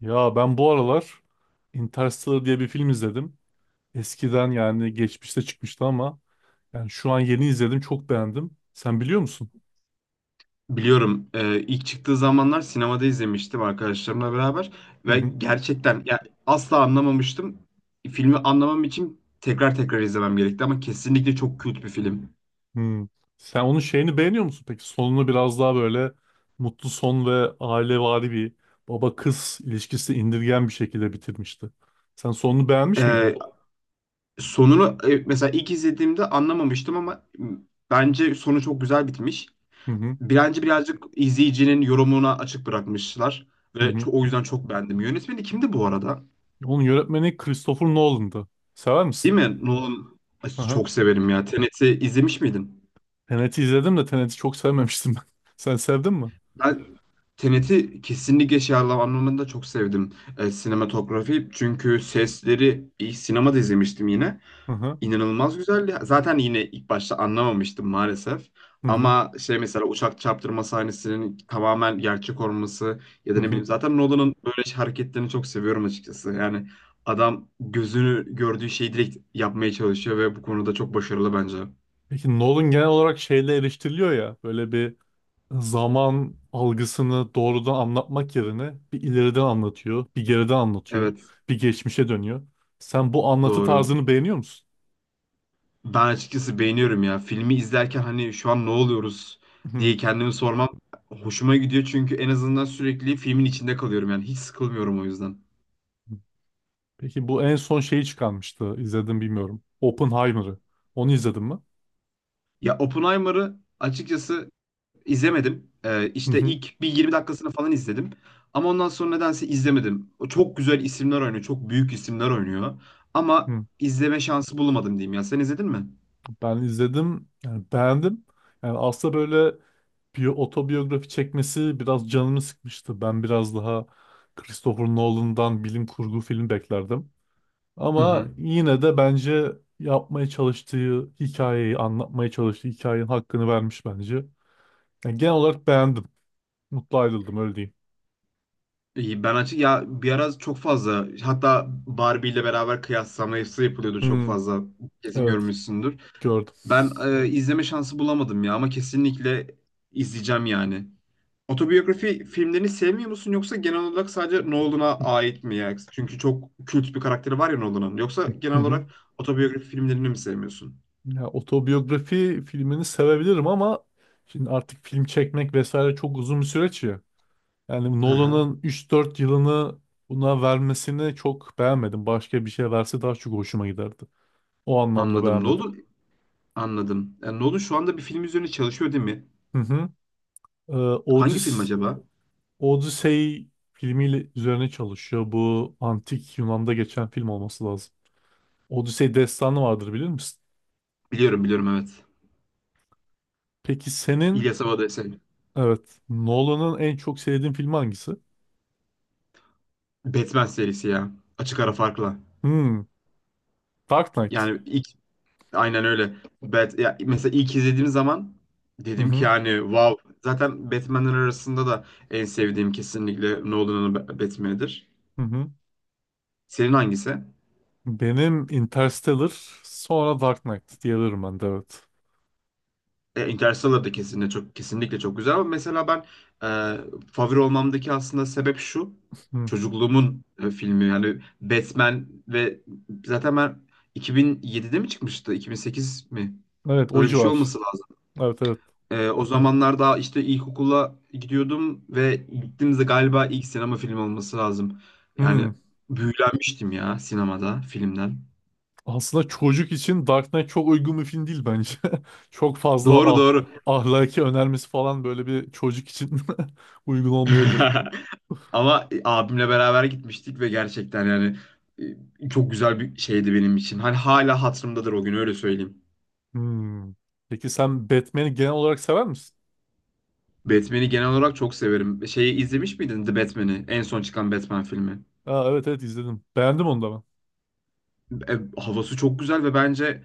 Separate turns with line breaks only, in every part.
Ya ben bu aralar Interstellar diye bir film izledim. Eskiden yani geçmişte çıkmıştı ama yani şu an yeni izledim, çok beğendim. Sen biliyor musun?
Biliyorum. İlk çıktığı zamanlar sinemada izlemiştim arkadaşlarımla beraber
Hı
ve
hı.
gerçekten ya asla anlamamıştım. Filmi anlamam için tekrar tekrar izlemem gerekti ama kesinlikle çok kült bir film.
Hmm. Sen onun şeyini beğeniyor musun peki? Sonunu biraz daha böyle mutlu son ve ailevari bir baba kız ilişkisi indirgen bir şekilde bitirmişti. Sen sonunu beğenmiş
Ee,
miydin?
Sonunu mesela ilk izlediğimde anlamamıştım ama bence sonu çok güzel bitmiş.
Hı hı.
Bence birazcık izleyicinin yorumuna açık bırakmışlar
Hı
ve
hı.
o yüzden çok beğendim. Yönetmeni kimdi bu arada?
Onun yönetmeni Christopher Nolan'dı. Sever misin?
Değil mi? Nolan. Ay,
Hı hı.
çok severim ya. Tenet'i izlemiş miydin?
Tenet'i izledim de Tenet'i çok sevmemiştim ben. Sen sevdin mi?
Ben Tenet'i kesinlikle şey anlamında çok sevdim. E, sinematografi çünkü sesleri ilk sinemada izlemiştim yine.
Hı hı.
İnanılmaz güzeldi. Zaten yine ilk başta anlamamıştım maalesef.
Hı hı.
Ama şey mesela uçak çarptırma sahnesinin tamamen gerçek olması ya da
Hı
ne bileyim
hı.
zaten Nolan'ın böyle şey hareketlerini çok seviyorum açıkçası. Yani adam gözünü gördüğü şeyi direkt yapmaya çalışıyor ve bu konuda çok başarılı bence.
Peki Nolan genel olarak şeyle eleştiriliyor ya, böyle bir zaman algısını doğrudan anlatmak yerine bir ileriden anlatıyor, bir geriden anlatıyor,
Evet,
bir geçmişe dönüyor. Sen bu anlatı
doğru.
tarzını beğeniyor musun?
Ben açıkçası beğeniyorum ya. Filmi izlerken hani şu an ne oluyoruz
Hı.
diye kendimi sormam hoşuma gidiyor çünkü en azından sürekli filmin içinde kalıyorum yani hiç sıkılmıyorum o yüzden.
Peki bu en son şeyi çıkarmıştı, izledim bilmiyorum. Oppenheimer'ı. Onu izledin mi?
Ya Oppenheimer'ı açıkçası izlemedim.
Hı
İşte
hı.
ilk bir 20 dakikasını falan izledim. Ama ondan sonra nedense izlemedim. O çok güzel isimler oynuyor, çok büyük isimler oynuyor. Ama
Hı.
izleme şansı bulamadım diyeyim ya. Sen izledin mi?
Ben izledim. Yani beğendim. Yani aslında böyle bir otobiyografi çekmesi biraz canımı sıkmıştı. Ben biraz daha Christopher Nolan'dan bilim kurgu film beklerdim.
Hı
Ama
hı.
yine de bence yapmaya çalıştığı hikayeyi, anlatmaya çalıştığı hikayenin hakkını vermiş bence. Yani genel olarak beğendim. Mutlu ayrıldım, öyle diyeyim.
İyi, ben açık ya bir ara çok fazla hatta Barbie ile beraber kıyaslaması yapılıyordu çok
Hmm,
fazla kesin
evet,
görmüşsündür.
gördüm.
Ben izleme şansı bulamadım ya ama kesinlikle izleyeceğim yani. Otobiyografi filmlerini sevmiyor musun yoksa genel olarak sadece Nolan'a ait mi ya? Çünkü çok kült bir karakteri var ya Nolan'ın. Yoksa
Hı
genel
hı.
olarak otobiyografi filmlerini mi sevmiyorsun?
Ya otobiyografi filmini sevebilirim ama şimdi artık film çekmek vesaire çok uzun bir süreç ya. Yani
Hı hı.
Nolan'ın üç dört yılını buna vermesini çok beğenmedim. Başka bir şey verse daha çok hoşuma giderdi. O anlamda
Anladım.
beğenmedim.
Nolan, anladım. Yani Nolan şu anda bir film üzerine çalışıyor değil mi?
Hı hı. Ee,
Hangi film
Odys
acaba?
Odyssey filmiyle üzerine çalışıyor. Bu antik Yunan'da geçen film olması lazım. Odyssey destanı vardır, bilir misin?
Biliyorum, biliyorum, evet.
Peki senin
İlyas Avadı.
evet Nolan'ın en çok sevdiğin filmi hangisi?
Batman serisi ya. Açık ara farkla.
Hmm, Dark Knight.
Yani ilk Aynen öyle. Ya mesela ilk izlediğim zaman
Hı
dedim ki
hı.
yani wow. Zaten Batman'ler arasında da en sevdiğim kesinlikle Nolan'ın Batman'idir.
Hı hı.
Senin hangisi?
Benim Interstellar, sonra Dark Knight diyebilirim ben de, evet.
E, Interstellar da kesinlikle çok, kesinlikle çok güzel ama mesela ben favori olmamdaki aslında sebep şu.
Hı.
Çocukluğumun filmi yani Batman ve zaten ben 2007'de mi çıkmıştı? 2008 mi?
Evet, o
Öyle bir şey
civar.
olması lazım.
Evet evet.
O zamanlar daha işte ilkokula gidiyordum ve gittiğimizde galiba ilk sinema filmi olması lazım.
Hmm.
Yani büyülenmiştim ya sinemada filmden.
Aslında çocuk için Dark Knight çok uygun bir film değil bence. Çok fazla
Doğru, doğru.
ahlaki önermesi falan böyle bir çocuk için uygun olmayabilir.
Ama abimle beraber gitmiştik ve gerçekten yani çok güzel bir şeydi benim için. Hani hala hatırımdadır o gün, öyle söyleyeyim.
Hmm. Peki sen Batman'i genel olarak sever misin?
Batman'i genel olarak çok severim. Şeyi izlemiş miydin, The Batman'i? En son çıkan Batman filmi.
Aa, evet evet, izledim. Beğendim onu da ben.
E, havası çok güzel ve bence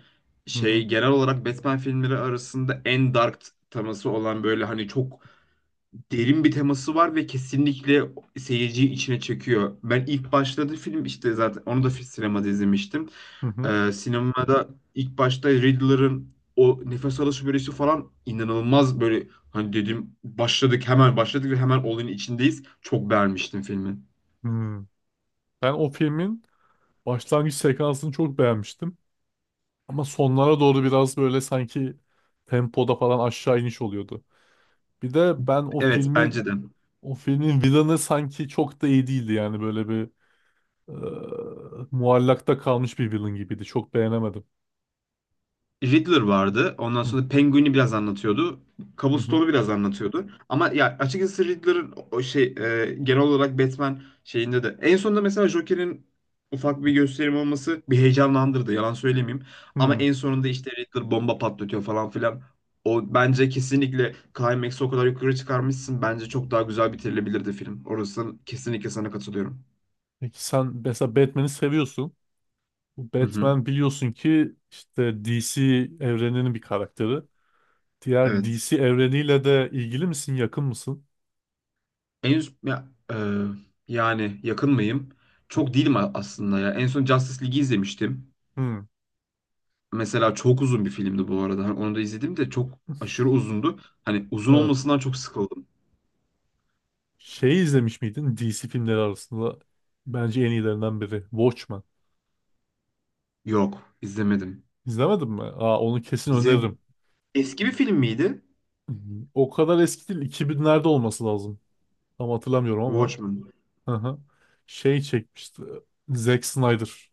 Hı hı.
şey genel olarak Batman filmleri arasında en dark teması olan böyle hani çok derin bir teması var ve kesinlikle seyirciyi içine çekiyor. Ben ilk başladığı film işte zaten onu da sinemada izlemiştim.
Hı hı.
Sinemada ilk başta Riddler'ın o nefes alışı bölüsü falan inanılmaz böyle hani dedim başladık, hemen başladık ve hemen olayın içindeyiz. Çok beğenmiştim filmi.
Hmm. Ben o filmin başlangıç sekansını çok beğenmiştim. Ama sonlara doğru biraz böyle sanki tempoda falan aşağı iniş oluyordu. Bir de ben o
Evet,
filmi.
bence de.
O filmin villain'ı sanki çok da iyi değildi, yani böyle bir muallakta kalmış bir villain gibiydi. Çok beğenemedim.
Riddler vardı. Ondan
Hı,
sonra Penguin'i biraz anlatıyordu.
hı, hı,
Cobblestone'u biraz anlatıyordu. Ama ya açıkçası Riddler'ın o şey genel olarak Batman şeyinde de en sonunda mesela Joker'in ufak bir gösterim olması bir heyecanlandırdı. Yalan söylemeyeyim. Ama
hı.
en sonunda işte Riddler bomba patlatıyor falan filan. O bence kesinlikle climax'ı o kadar yukarı çıkarmışsın. Bence çok daha güzel bitirilebilirdi film. Orası kesinlikle sana katılıyorum.
Peki sen mesela Batman'i seviyorsun. Bu
Hı hı.
Batman biliyorsun ki işte DC evreninin bir karakteri. Diğer
Evet.
DC evreniyle de ilgili misin, yakın mısın?
En ya, e, Yani yakın mıyım? Çok değilim aslında ya. En son Justice League'i izlemiştim.
Hı.
Mesela çok uzun bir filmdi bu arada. Hani onu da izledim de çok aşırı uzundu. Hani uzun
Evet.
olmasından çok sıkıldım.
Şey izlemiş miydin DC filmleri arasında? Bence en iyilerinden biri. Watchmen.
Yok, izlemedim.
İzlemedin mi? Aa, onu kesin
İzle...
öneririm.
Eski bir film miydi?
O kadar eski değil. 2000'lerde olması lazım. Tam hatırlamıyorum ama.
Watchmen.
Hı hı. Şey çekmişti. Zack Snyder.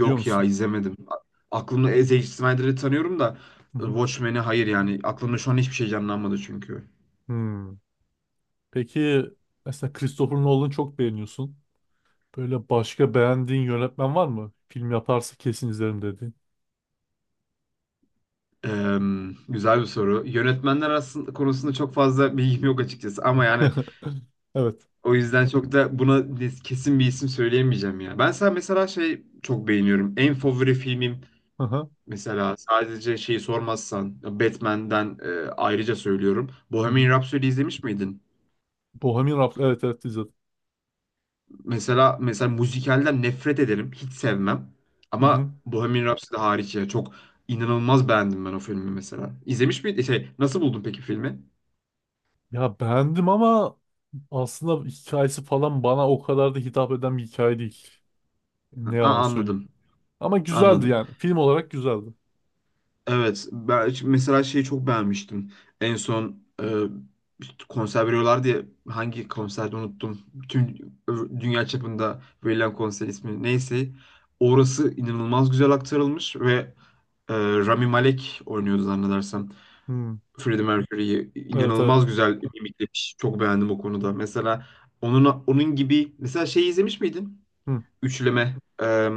Biliyor
ya,
musun?
izlemedim. Aklımda Zack Snyder'ı tanıyorum da
Hı hı.
Watchmen'i hayır yani. Aklımda şu an hiçbir şey canlanmadı çünkü.
Hmm. Peki mesela Christopher Nolan'ı çok beğeniyorsun. Böyle başka beğendiğin yönetmen var mı? Film yaparsa kesin izlerim dediğin.
Eee, Güzel bir soru. Yönetmenler aslında konusunda çok fazla bilgim yok açıkçası ama yani
Evet.
o yüzden çok da buna kesin bir isim söyleyemeyeceğim ya. Ben sana mesela şey çok beğeniyorum. En favori filmim
Hı hı.
mesela sadece şeyi sormazsan Batman'den ayrıca söylüyorum.
Hı hı.
Bohemian Rhapsody izlemiş miydin?
Bohemian Rhapsody. Evet evet, izledim.
Mesela, mesela müzikalden nefret ederim. Hiç sevmem.
Hı
Ama
hı.
Bohemian Rhapsody hariç ya çok inanılmaz beğendim ben o filmi mesela. İzlemiş miydin? Şey, nasıl buldun peki filmi?
Ya beğendim ama aslında hikayesi falan bana o kadar da hitap eden bir hikaye değil. Ne yalan
Aa,
söyleyeyim.
anladım.
Ama güzeldi
Anladım.
yani. Film olarak güzeldi.
Evet, ben mesela şeyi çok beğenmiştim. En son konser veriyorlar diye, hangi konserde unuttum. Bütün dünya çapında verilen konser ismi neyse. Orası inanılmaz güzel aktarılmış ve Rami Malek oynuyordu zannedersem.
Hı.
Freddie Mercury'yi
Evet evet.
inanılmaz güzel mimiklemiş. Çok beğendim o konuda. Mesela onun gibi mesela şey izlemiş miydin?
Hı.
Üçleme, e,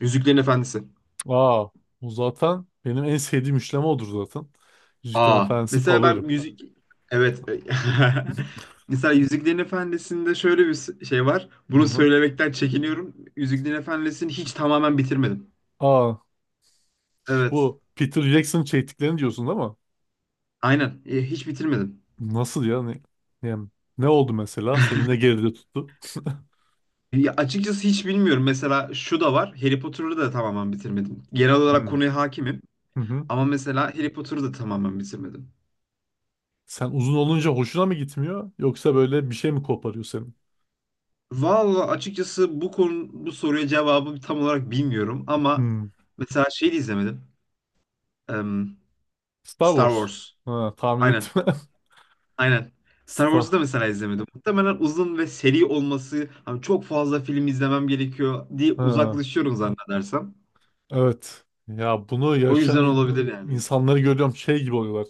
Yüzüklerin Efendisi.
Aa, bu zaten benim en sevdiğim üçleme odur zaten. Yüzüklerin
Aa,
Efendisi
mesela ben
favorim.
müzik, evet. Mesela Yüzüklerin Efendisi'nde şöyle bir şey var.
Hı
Bunu
hı.
söylemekten çekiniyorum. Yüzüklerin Efendisi'ni hiç tamamen bitirmedim.
Aa,
Evet.
bu Peter Jackson çektiklerini diyorsun ama
Aynen. E, hiç bitirmedim.
nasıl ya? Ne, yani ne oldu mesela? Seni ne geride tuttu?
Ya açıkçası hiç bilmiyorum. Mesela şu da var. Harry Potter'ı da tamamen bitirmedim. Genel olarak
Hmm.
konuya hakimim.
Hı hı.
Ama mesela Harry Potter'ı da tamamen bitirmedim.
Sen uzun olunca hoşuna mı gitmiyor? Yoksa böyle bir şey mi koparıyor senin?
Vallahi açıkçası bu konu, bu soruya cevabı tam olarak bilmiyorum ama
Hmm.
mesela şey de izlemedim. Em,
Star
Star
Wars.
Wars.
Ha, tahmin
Aynen.
ettim.
Aynen. Star Wars'u da
Star.
mesela izlemedim. Muhtemelen uzun ve seri olması, hani çok fazla film izlemem gerekiyor diye
Ha.
uzaklaşıyorum zannedersem.
Evet. Ya bunu
O
yaşayan
yüzden olabilir yani.
insanları görüyorum, şey gibi oluyorlar.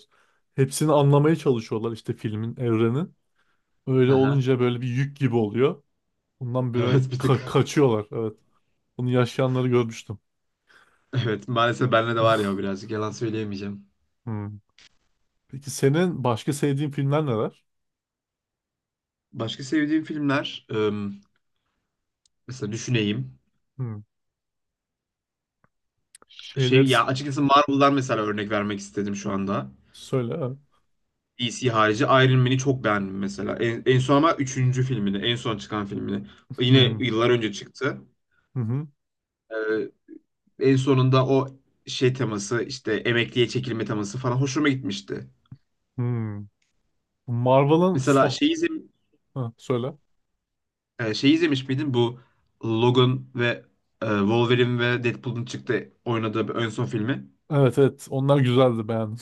Hepsini anlamaya çalışıyorlar işte filmin, evrenin. Öyle
Aha.
olunca böyle bir yük gibi oluyor. Bundan böyle
Evet, bir tık.
kaçıyorlar. Evet. Bunu yaşayanları görmüştüm.
Evet, maalesef bende de var ya o, birazcık yalan söyleyemeyeceğim.
Hmm. Peki senin başka sevdiğin filmler neler?
Başka sevdiğim filmler mesela düşüneyim.
Hmm.
Şey
Şeyleri s-
ya açıkçası Marvel'dan mesela örnek vermek istedim şu anda.
söyle. Evet.
DC harici Iron Man'i çok beğendim mesela. En son ama üçüncü filmini, en son çıkan filmini. Yine
Hmm.
yıllar önce çıktı.
Hı hı.
Ee, En sonunda o şey teması işte emekliye çekilme teması falan hoşuma gitmişti.
Hmm. Marvel'ın
Mesela
son...
şey, izlem-
Ha, söyle.
E, şey izlemiş miydin bu Logan ve Wolverine ve Deadpool'un çıktı oynadığı bir ön son filmi?
Evet evet, onlar güzeldi, beğendim.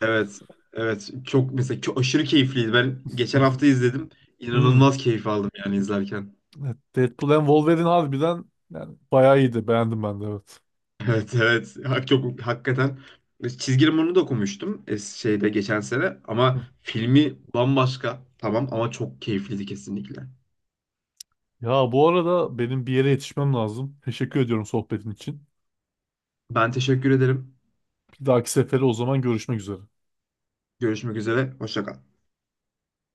Evet. Evet. Mesela çok aşırı keyifliydi. Ben geçen hafta izledim.
Hmm.
İnanılmaz keyif aldım yani izlerken.
Evet, Deadpool and Wolverine harbiden yani bayağı iyiydi. Beğendim ben de, evet.
Evet, evet. Çok hakikaten. E, çizgi romanını da okumuştum şeyde geçen sene ama
Hı.
filmi bambaşka. Tamam ama çok keyifliydi kesinlikle.
Ya bu arada benim bir yere yetişmem lazım. Teşekkür ediyorum sohbetin için.
Ben teşekkür ederim.
Bir dahaki sefere o zaman, görüşmek üzere.
Görüşmek üzere. Hoşça kal.